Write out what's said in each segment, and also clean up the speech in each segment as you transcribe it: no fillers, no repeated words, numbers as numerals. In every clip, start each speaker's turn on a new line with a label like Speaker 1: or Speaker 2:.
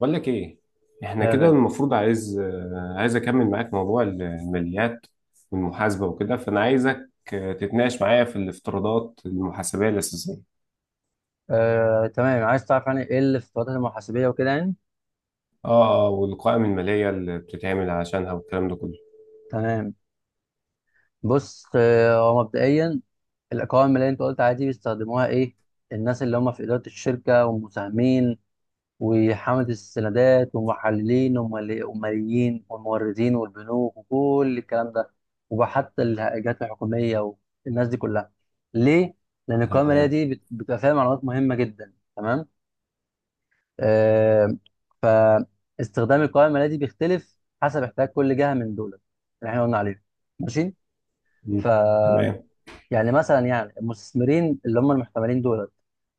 Speaker 1: بقول لك ايه؟ احنا
Speaker 2: يا
Speaker 1: كده
Speaker 2: غالي.
Speaker 1: المفروض عايز اكمل معاك موضوع الماليات والمحاسبه وكده، فانا عايزك تتناقش معايا في الافتراضات المحاسبيه الاساسيه.
Speaker 2: تمام، عايز تعرف يعني ايه الافتراضات المحاسبيه وكده يعني.
Speaker 1: اه اه، والقوائم الماليه اللي بتتعمل عشانها والكلام ده كله.
Speaker 2: تمام. بص، هو مبدئيا القوائم اللي انت قلت عادي بيستخدموها ايه؟ الناس اللي هم في اداره الشركه والمساهمين وحمله السندات والمحللين والماليين والموردين والبنوك وكل الكلام ده، وحتى الجهات الحكوميه والناس دي كلها. ليه؟ لان القوائم اللي هي
Speaker 1: تمام.
Speaker 2: دي بتبقى فيها معلومات مهمه جدا. تمام. آه، فاستخدام القوائم المالية دي بيختلف حسب احتياج كل جهة من دول اللي احنا قلنا عليهم. ماشي. ف
Speaker 1: مم. تمام.
Speaker 2: يعني مثلا يعني المستثمرين اللي هم المحتملين دول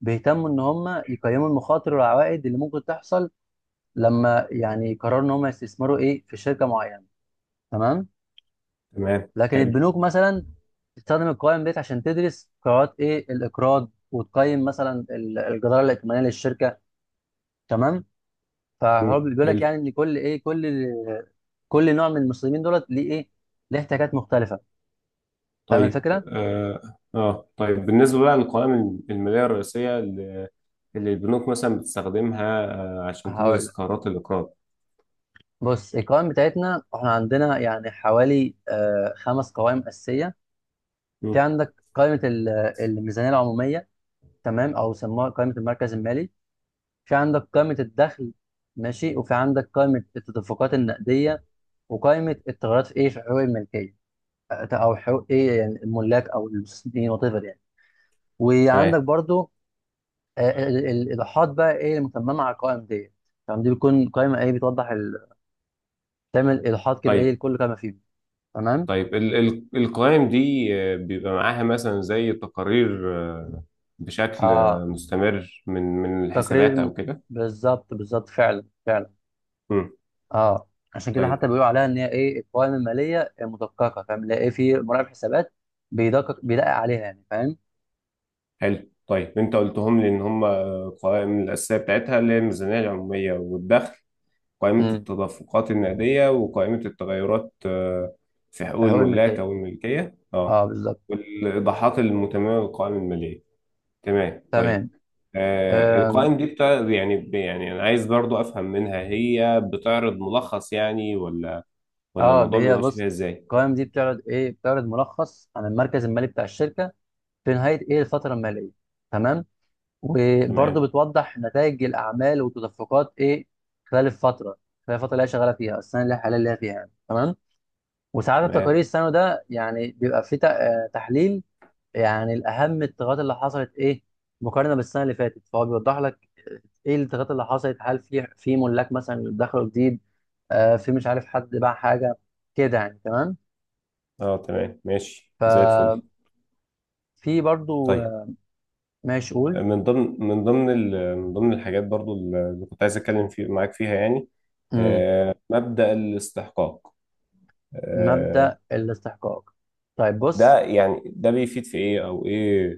Speaker 2: بيهتموا ان هم يقيموا المخاطر والعوائد اللي ممكن تحصل لما يعني يقرروا ان هم يستثمروا ايه في شركة معينة. تمام.
Speaker 1: تمام،
Speaker 2: لكن
Speaker 1: حلو.
Speaker 2: البنوك مثلا بتستخدم القوائم ديت عشان تدرس قرارات ايه الاقراض وتقيم مثلا الجدارة الائتمانية للشركة. تمام. فهو
Speaker 1: مم.
Speaker 2: بيقول لك
Speaker 1: حلو.
Speaker 2: يعني ان كل ايه كل كل نوع من المسلمين دولت ليه ايه، ليه احتياجات مختلفه. فاهم
Speaker 1: طيب،
Speaker 2: الفكره؟
Speaker 1: اه آه. طيب بالنسبه بقى للقوائم الماليه الرئيسيه اللي البنوك مثلا بتستخدمها، عشان
Speaker 2: هقول
Speaker 1: تدرس
Speaker 2: لك.
Speaker 1: قرارات الاقراض.
Speaker 2: بص، القوائم بتاعتنا احنا عندنا يعني حوالي آه خمس قوائم اساسيه. في
Speaker 1: مم.
Speaker 2: عندك الميزانيه العموميه، تمام، او سموها قائمه المركز المالي. في عندك قائمه الدخل، ماشي، وفي عندك قائمه التدفقات النقديه، وقائمه التغيرات في ايه في حقوق الملكيه، او حقوق ايه يعني الملاك او المستثمرين وات ايفر يعني. وعندك
Speaker 1: تمام.
Speaker 2: برضو الايضاحات بقى ايه المتممه على القوائم ديت. تمام، دي بتكون قائمه ايه بتوضح ال... تعمل ايضاحات كده ايه
Speaker 1: طيب،
Speaker 2: لكل قائمه فيهم. تمام.
Speaker 1: طيب القوائم دي بيبقى معاها مثلا زي تقارير بشكل
Speaker 2: اه.
Speaker 1: مستمر من
Speaker 2: تقرير
Speaker 1: الحسابات
Speaker 2: م-
Speaker 1: او كده.
Speaker 2: بالظبط بالظبط فعلا فعلا.
Speaker 1: امم
Speaker 2: اه، عشان كده
Speaker 1: طيب.
Speaker 2: حتى بيقولوا عليها ان هي ايه القوائم الماليه المدققه، فاهم، اللي هي ايه في مراقب حسابات بيدقق عليها يعني. فاهم؟
Speaker 1: حلو، طيب انت قلتهم لي ان هم القوائم الاساسيه بتاعتها، اللي هي الميزانيه العموميه والدخل، قائمه
Speaker 2: امم.
Speaker 1: التدفقات النقديه، وقائمه التغيرات في حقوق
Speaker 2: حقوق
Speaker 1: الملاك
Speaker 2: الملكيه،
Speaker 1: او الملكيه، اه،
Speaker 2: اه بالظبط.
Speaker 1: والايضاحات المتممه للقوائم الماليه. تمام، طيب.
Speaker 2: تمام.
Speaker 1: آه
Speaker 2: آم،
Speaker 1: القوائم دي بتاع يعني يعني انا عايز برضو افهم منها، هي بتعرض ملخص يعني، ولا
Speaker 2: اه،
Speaker 1: الموضوع بيبقى
Speaker 2: هي
Speaker 1: ماشي
Speaker 2: بص،
Speaker 1: فيها ازاي؟
Speaker 2: القوائم دي بتعرض ايه، بتعرض ملخص عن المركز المالي بتاع الشركه في نهايه ايه الفتره الماليه. تمام.
Speaker 1: تمام.
Speaker 2: وبرضه بتوضح نتائج الاعمال وتدفقات ايه خلال الفتره، خلال الفتره اللي هي شغاله فيها السنه اللي هي حاليا اللي هي فيها يعني. تمام. وساعات التقارير
Speaker 1: تمام.
Speaker 2: السنوي ده يعني بيبقى فيه تحليل يعني الاهم التغيرات اللي حصلت ايه مقارنه بالسنه اللي فاتت، فهو بيوضح لك ايه التغيرات اللي حصلت، هل في ملاك مثلا دخلوا جديد، آه في مش عارف حد باع حاجه، كده يعني. تمام.
Speaker 1: اه، تمام، ماشي زي
Speaker 2: ففي
Speaker 1: الفل.
Speaker 2: برضه
Speaker 1: طيب
Speaker 2: ماشي قول.
Speaker 1: من ضمن الحاجات برضو اللي كنت عايز اتكلم في معاك فيها يعني،
Speaker 2: مم.
Speaker 1: مبدأ الاستحقاق. آه،
Speaker 2: مبدأ الاستحقاق. طيب بص.
Speaker 1: ده يعني ده بيفيد في ايه او ايه؟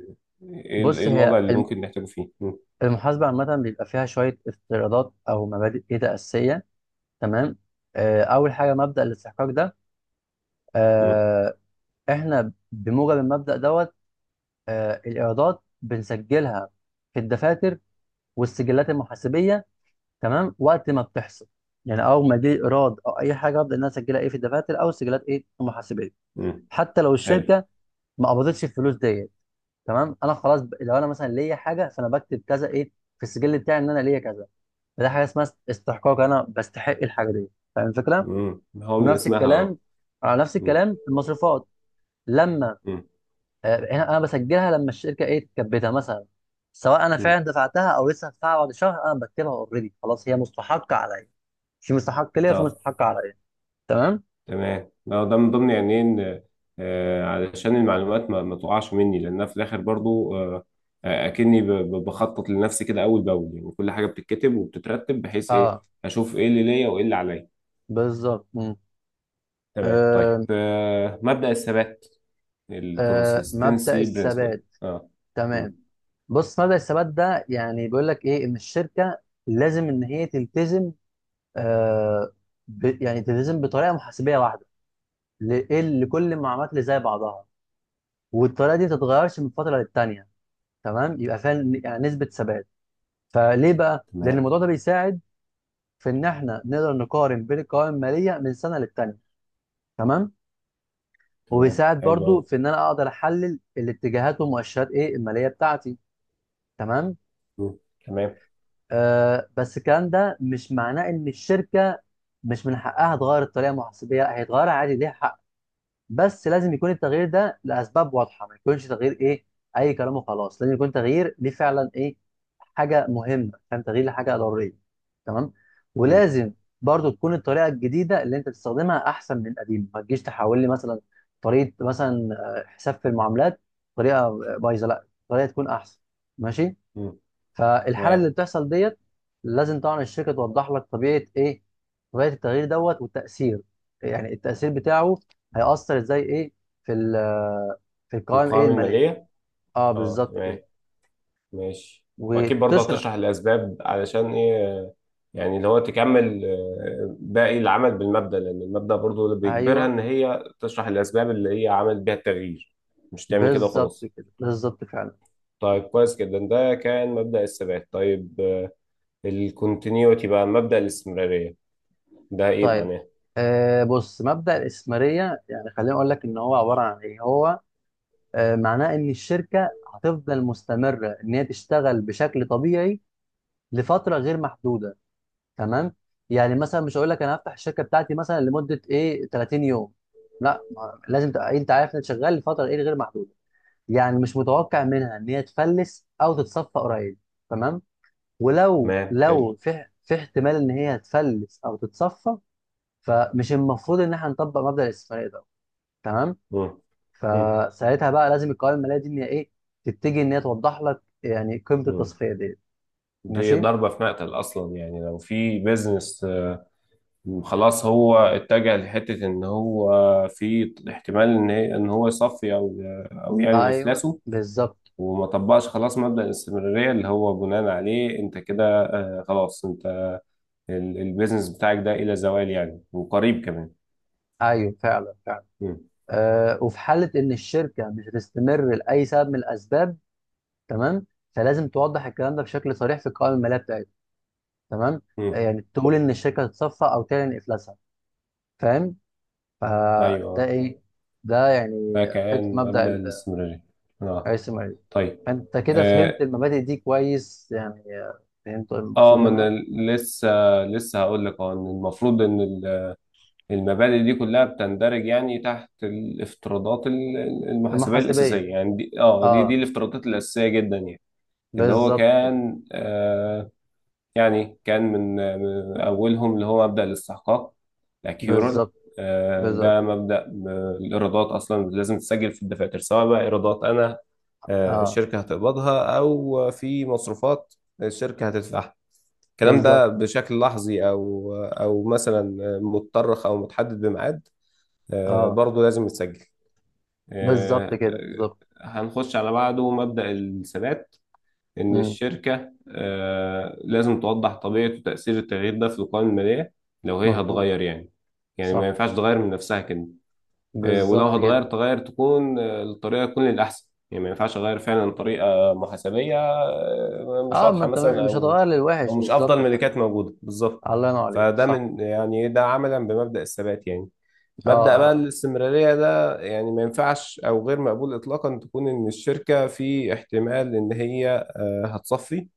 Speaker 2: بص
Speaker 1: إيه الوضع
Speaker 2: هي
Speaker 1: اللي ممكن نحتاجه فيه؟ مم.
Speaker 2: المحاسبة عامة بيبقى فيها شوية افتراضات أو مبادئ كده أساسية. تمام. أول حاجة مبدأ الاستحقاق ده،
Speaker 1: مم.
Speaker 2: آه، إحنا بموجب المبدأ دوت الإيرادات بنسجلها في الدفاتر والسجلات المحاسبية، تمام، وقت ما بتحصل. يعني أول ما يجي إيراد أو أي حاجة أبدأ إن أنا أسجلها إيه في الدفاتر أو السجلات إيه المحاسبية،
Speaker 1: مم،
Speaker 2: حتى لو
Speaker 1: حلو.
Speaker 2: الشركة ما قبضتش الفلوس ديت. تمام. أنا خلاص لو أنا مثلا ليا حاجة فأنا بكتب كذا إيه في السجل بتاعي إن أنا ليا كذا. ده حاجه اسمها استحقاق، انا بستحق الحاجه دي. فاهم الفكره؟
Speaker 1: مم، هو من
Speaker 2: نفس
Speaker 1: اسمها. آه.
Speaker 2: الكلام، على نفس
Speaker 1: مم.
Speaker 2: الكلام المصروفات. لما
Speaker 1: مم.
Speaker 2: هنا انا بسجلها لما الشركه ايه تكبتها مثلا، سواء انا
Speaker 1: مم.
Speaker 2: فعلا دفعتها او لسه هدفعها بعد شهر، انا بكتبها اوريدي، خلاص هي مستحقه عليا. في مستحق ليا وفي
Speaker 1: اه،
Speaker 2: مستحق عليا. تمام.
Speaker 1: تمام. لا، ده من ضمن يعني إيه ان علشان المعلومات ما تقعش مني، لانها في الاخر برضو اكني بخطط لنفسي كده اول باول، يعني كل حاجه بتتكتب وبتترتب بحيث ايه
Speaker 2: اه
Speaker 1: اشوف ايه اللي ليا وايه اللي عليا.
Speaker 2: بالظبط. مم.
Speaker 1: تمام. طيب
Speaker 2: آه.
Speaker 1: مبدأ الثبات،
Speaker 2: آه مبدأ
Speaker 1: الكونسستنسي برنسبل.
Speaker 2: الثبات.
Speaker 1: اه.
Speaker 2: تمام.
Speaker 1: مم.
Speaker 2: بص، مبدأ الثبات ده يعني بيقول لك ايه، ان الشركه لازم ان هي تلتزم آه ب... يعني تلتزم بطريقه محاسبيه واحده ل... إيه لكل المعلومات اللي زي بعضها، والطريقه دي ما تتغيرش من فتره للتانيه. تمام، يبقى فيها يعني نسبه ثبات. فليه بقى؟ لان
Speaker 1: تمام.
Speaker 2: الموضوع ده بيساعد في ان احنا نقدر نقارن بين القوائم الماليه من سنه للتانيه. تمام.
Speaker 1: تمام،
Speaker 2: وبيساعد
Speaker 1: حلو
Speaker 2: برضو
Speaker 1: قوي.
Speaker 2: في ان انا اقدر احلل الاتجاهات ومؤشرات ايه الماليه بتاعتي. تمام.
Speaker 1: تمام.
Speaker 2: آه، بس الكلام ده مش معناه ان الشركه مش من حقها تغير الطريقه المحاسبيه، هيتغير عادي ليها حق، بس لازم يكون التغيير ده لاسباب واضحه، ما يكونش تغيير ايه اي كلام وخلاص، لازم يكون تغيير ليه فعلا ايه حاجه مهمه، فاهم، تغيير لحاجه ضروريه. تمام.
Speaker 1: مم.
Speaker 2: ولازم برضو تكون الطريقه الجديده اللي انت بتستخدمها احسن من القديمه، ما تجيش تحول لي مثلا طريقه، مثلا حساب في المعاملات، طريقه بايظه، لا، طريقه تكون احسن. ماشي.
Speaker 1: مم.
Speaker 2: فالحاله
Speaker 1: تمام،
Speaker 2: اللي بتحصل ديت، لازم طبعا الشركه توضح لك طبيعه ايه، طبيعه التغيير دوت، والتاثير، يعني التاثير بتاعه هيأثر ازاي ايه في في القوائم ايه
Speaker 1: القوائم
Speaker 2: الماليه.
Speaker 1: الماليه.
Speaker 2: اه
Speaker 1: اه،
Speaker 2: بالظبط كده.
Speaker 1: تمام، ماشي. واكيد برضه
Speaker 2: وتشرح.
Speaker 1: هتشرح الاسباب، علشان ايه يعني، اللي هو تكمل باقي العمل بالمبدأ، لان المبدأ برضه اللي بيجبرها
Speaker 2: ايوه
Speaker 1: ان هي تشرح الاسباب اللي هي عملت بيها التغيير، مش تعمل كده
Speaker 2: بالظبط
Speaker 1: وخلاص.
Speaker 2: كده، بالظبط فعلا.
Speaker 1: طيب، كويس جدا، ده كان مبدأ الثبات. طيب الكونتينيوتي بقى، مبدأ الاستمرارية، ده ايه
Speaker 2: طيب.
Speaker 1: معناه؟
Speaker 2: آه، بص، مبدأ الاستثماريه، يعني خليني اقول لك ان هو عباره عن ايه. هو آه معناه ان الشركه هتفضل مستمره ان هي تشتغل بشكل طبيعي لفتره غير محدوده. تمام. يعني مثلا مش هقول لك انا هفتح الشركه بتاعتي مثلا لمده ايه 30 يوم، لا، لازم تبقى انت عارف انك شغال لفتره ايه غير محدوده، يعني مش متوقع منها ان هي تفلس او تتصفى قريب. تمام. ولو
Speaker 1: تمام، حلو.
Speaker 2: لو في في احتمال ان هي تفلس او تتصفى، فمش المفروض ان احنا نطبق مبدأ الاستثماريه ده. تمام.
Speaker 1: مم. مم.
Speaker 2: فساعتها بقى لازم القوائم الماليه دي ان هي ايه تتجه ان هي توضح لك يعني قيمه
Speaker 1: مم.
Speaker 2: التصفيه دي.
Speaker 1: دي
Speaker 2: ماشي.
Speaker 1: ضربة في مقتل اصلا يعني، لو في بيزنس خلاص هو اتجه لحتة ان هو في احتمال ان هو يصفي، او يعني
Speaker 2: ايوه
Speaker 1: افلاسه،
Speaker 2: بالظبط.
Speaker 1: وما طبقش خلاص مبدأ الاستمرارية اللي هو بناء عليه انت كده، خلاص انت البيزنس بتاعك ده الى زوال يعني، وقريب كمان.
Speaker 2: ايوه فعلا.
Speaker 1: مم.
Speaker 2: وفي حالة إن الشركة مش هتستمر لأي سبب من الأسباب، تمام، فلازم توضح الكلام ده بشكل صريح في القوائم المالية بتاعتها. تمام.
Speaker 1: مم.
Speaker 2: يعني تقول إن الشركة هتتصفى أو تعلن إفلاسها. فاهم.
Speaker 1: ايوه.
Speaker 2: فده
Speaker 1: آه.
Speaker 2: إيه، ده يعني
Speaker 1: فكأن
Speaker 2: حتة مبدأ
Speaker 1: مبدأ الاستمرارية. اه،
Speaker 2: الرئيس المالي.
Speaker 1: طيب.
Speaker 2: فأنت كده فهمت
Speaker 1: اه
Speaker 2: المبادئ دي كويس يعني، فهمت
Speaker 1: آه،
Speaker 2: المقصود
Speaker 1: ما
Speaker 2: منها.
Speaker 1: انا لسه لسه هقول لك، اه ان المفروض ان المبادئ دي كلها بتندرج يعني تحت الافتراضات المحاسبية
Speaker 2: المحاسبية.
Speaker 1: الأساسية، يعني دي اه دي
Speaker 2: أه
Speaker 1: الافتراضات الأساسية جدا يعني، اللي هو
Speaker 2: بالظبط كده.
Speaker 1: كان يعني، كان من أولهم اللي هو مبدأ الاستحقاق، الأكيورال.
Speaker 2: بالظبط.
Speaker 1: آه،
Speaker 2: بالظبط.
Speaker 1: ده مبدأ الإيرادات أصلا لازم تسجل في الدفاتر، سواء بقى إيرادات أنا
Speaker 2: أه
Speaker 1: الشركة هتقبضها، أو في مصروفات الشركة هتدفعها، الكلام
Speaker 2: بالظبط.
Speaker 1: ده بشكل لحظي، أو مثلا متطرخ أو متحدد بميعاد،
Speaker 2: أه
Speaker 1: برضو لازم يتسجل.
Speaker 2: بالظبط
Speaker 1: آه،
Speaker 2: كده
Speaker 1: آه،
Speaker 2: بالظبط.
Speaker 1: هنخش على بعده مبدأ الثبات، إن
Speaker 2: مم،
Speaker 1: الشركة لازم توضح طبيعة وتأثير التغيير ده في القوائم المالية، لو هي
Speaker 2: مظبوط.
Speaker 1: هتغير يعني، ما
Speaker 2: صح،
Speaker 1: ينفعش تغير من نفسها كده. ولو
Speaker 2: بالظبط
Speaker 1: هتغير
Speaker 2: جدا.
Speaker 1: تغير، تكون الطريقة تكون للأحسن، يعني ما ينفعش أغير فعلا طريقة محاسبية مش
Speaker 2: اه، ما
Speaker 1: واضحة
Speaker 2: انت
Speaker 1: مثلا،
Speaker 2: مش
Speaker 1: أو
Speaker 2: هتغير
Speaker 1: أو
Speaker 2: للوحش،
Speaker 1: مش أفضل
Speaker 2: بالظبط، فاهم.
Speaker 1: ملكات موجودة، بالظبط.
Speaker 2: الله ينور عليك،
Speaker 1: فده
Speaker 2: صح.
Speaker 1: من يعني، ده عملا بمبدأ الثبات يعني.
Speaker 2: اه
Speaker 1: مبدأ
Speaker 2: اه
Speaker 1: بقى
Speaker 2: آه.
Speaker 1: الاستمرارية ده يعني ما ينفعش، أو غير مقبول إطلاقا، تكون إن الشركة في احتمال إن هي هتصفي،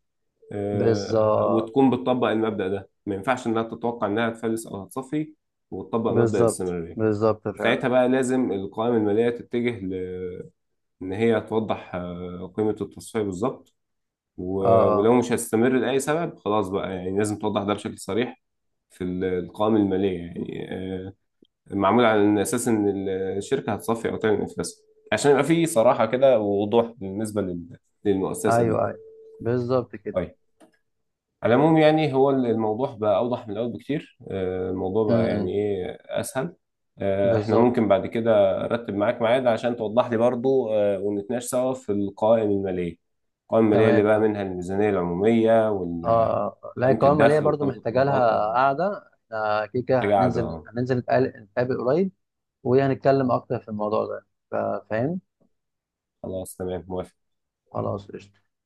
Speaker 2: بالظبط.
Speaker 1: وتكون بتطبق المبدأ ده، ما ينفعش إنها تتوقع إنها تفلس أو هتصفي وتطبق مبدأ
Speaker 2: بالظبط.
Speaker 1: الاستمرارية.
Speaker 2: بالظبط فعلا.
Speaker 1: وساعتها بقى لازم القوائم المالية تتجه إن هي توضح قيمة التصفية بالظبط.
Speaker 2: اه اه.
Speaker 1: ولو مش هتستمر لأي سبب خلاص بقى، يعني لازم توضح ده بشكل صريح في القوائم المالية يعني، معمول على اساس ان الشركه هتصفي او تعمل افلاس، عشان يبقى في صراحه كده ووضوح بالنسبه للمؤسسه دي.
Speaker 2: ايوه ايوه، بالظبط كده.
Speaker 1: طيب. على العموم يعني، هو الموضوع بقى اوضح من الاول بكتير، الموضوع بقى
Speaker 2: امم،
Speaker 1: يعني ايه اسهل. احنا
Speaker 2: بالظبط.
Speaker 1: ممكن بعد كده ارتب معاك ميعاد عشان توضح لي برضو ونتناقش سوا في القوائم الماليه، القوائم الماليه
Speaker 2: تمام
Speaker 1: اللي بقى
Speaker 2: تمام.
Speaker 1: منها الميزانيه العموميه،
Speaker 2: اه
Speaker 1: وقائمه
Speaker 2: اه آه. لا القوائم الماليه
Speaker 1: الدخل،
Speaker 2: برضو
Speaker 1: وقائمه
Speaker 2: محتاجه
Speaker 1: التغيرات
Speaker 2: لها
Speaker 1: اه،
Speaker 2: قعده، احنا كده كده
Speaker 1: حاجه قاعده
Speaker 2: هننزل نتقابل قريب وهنتكلم اكتر في الموضوع ده. فاهم.
Speaker 1: خلاص تمام موافق.
Speaker 2: خلاص قشطة.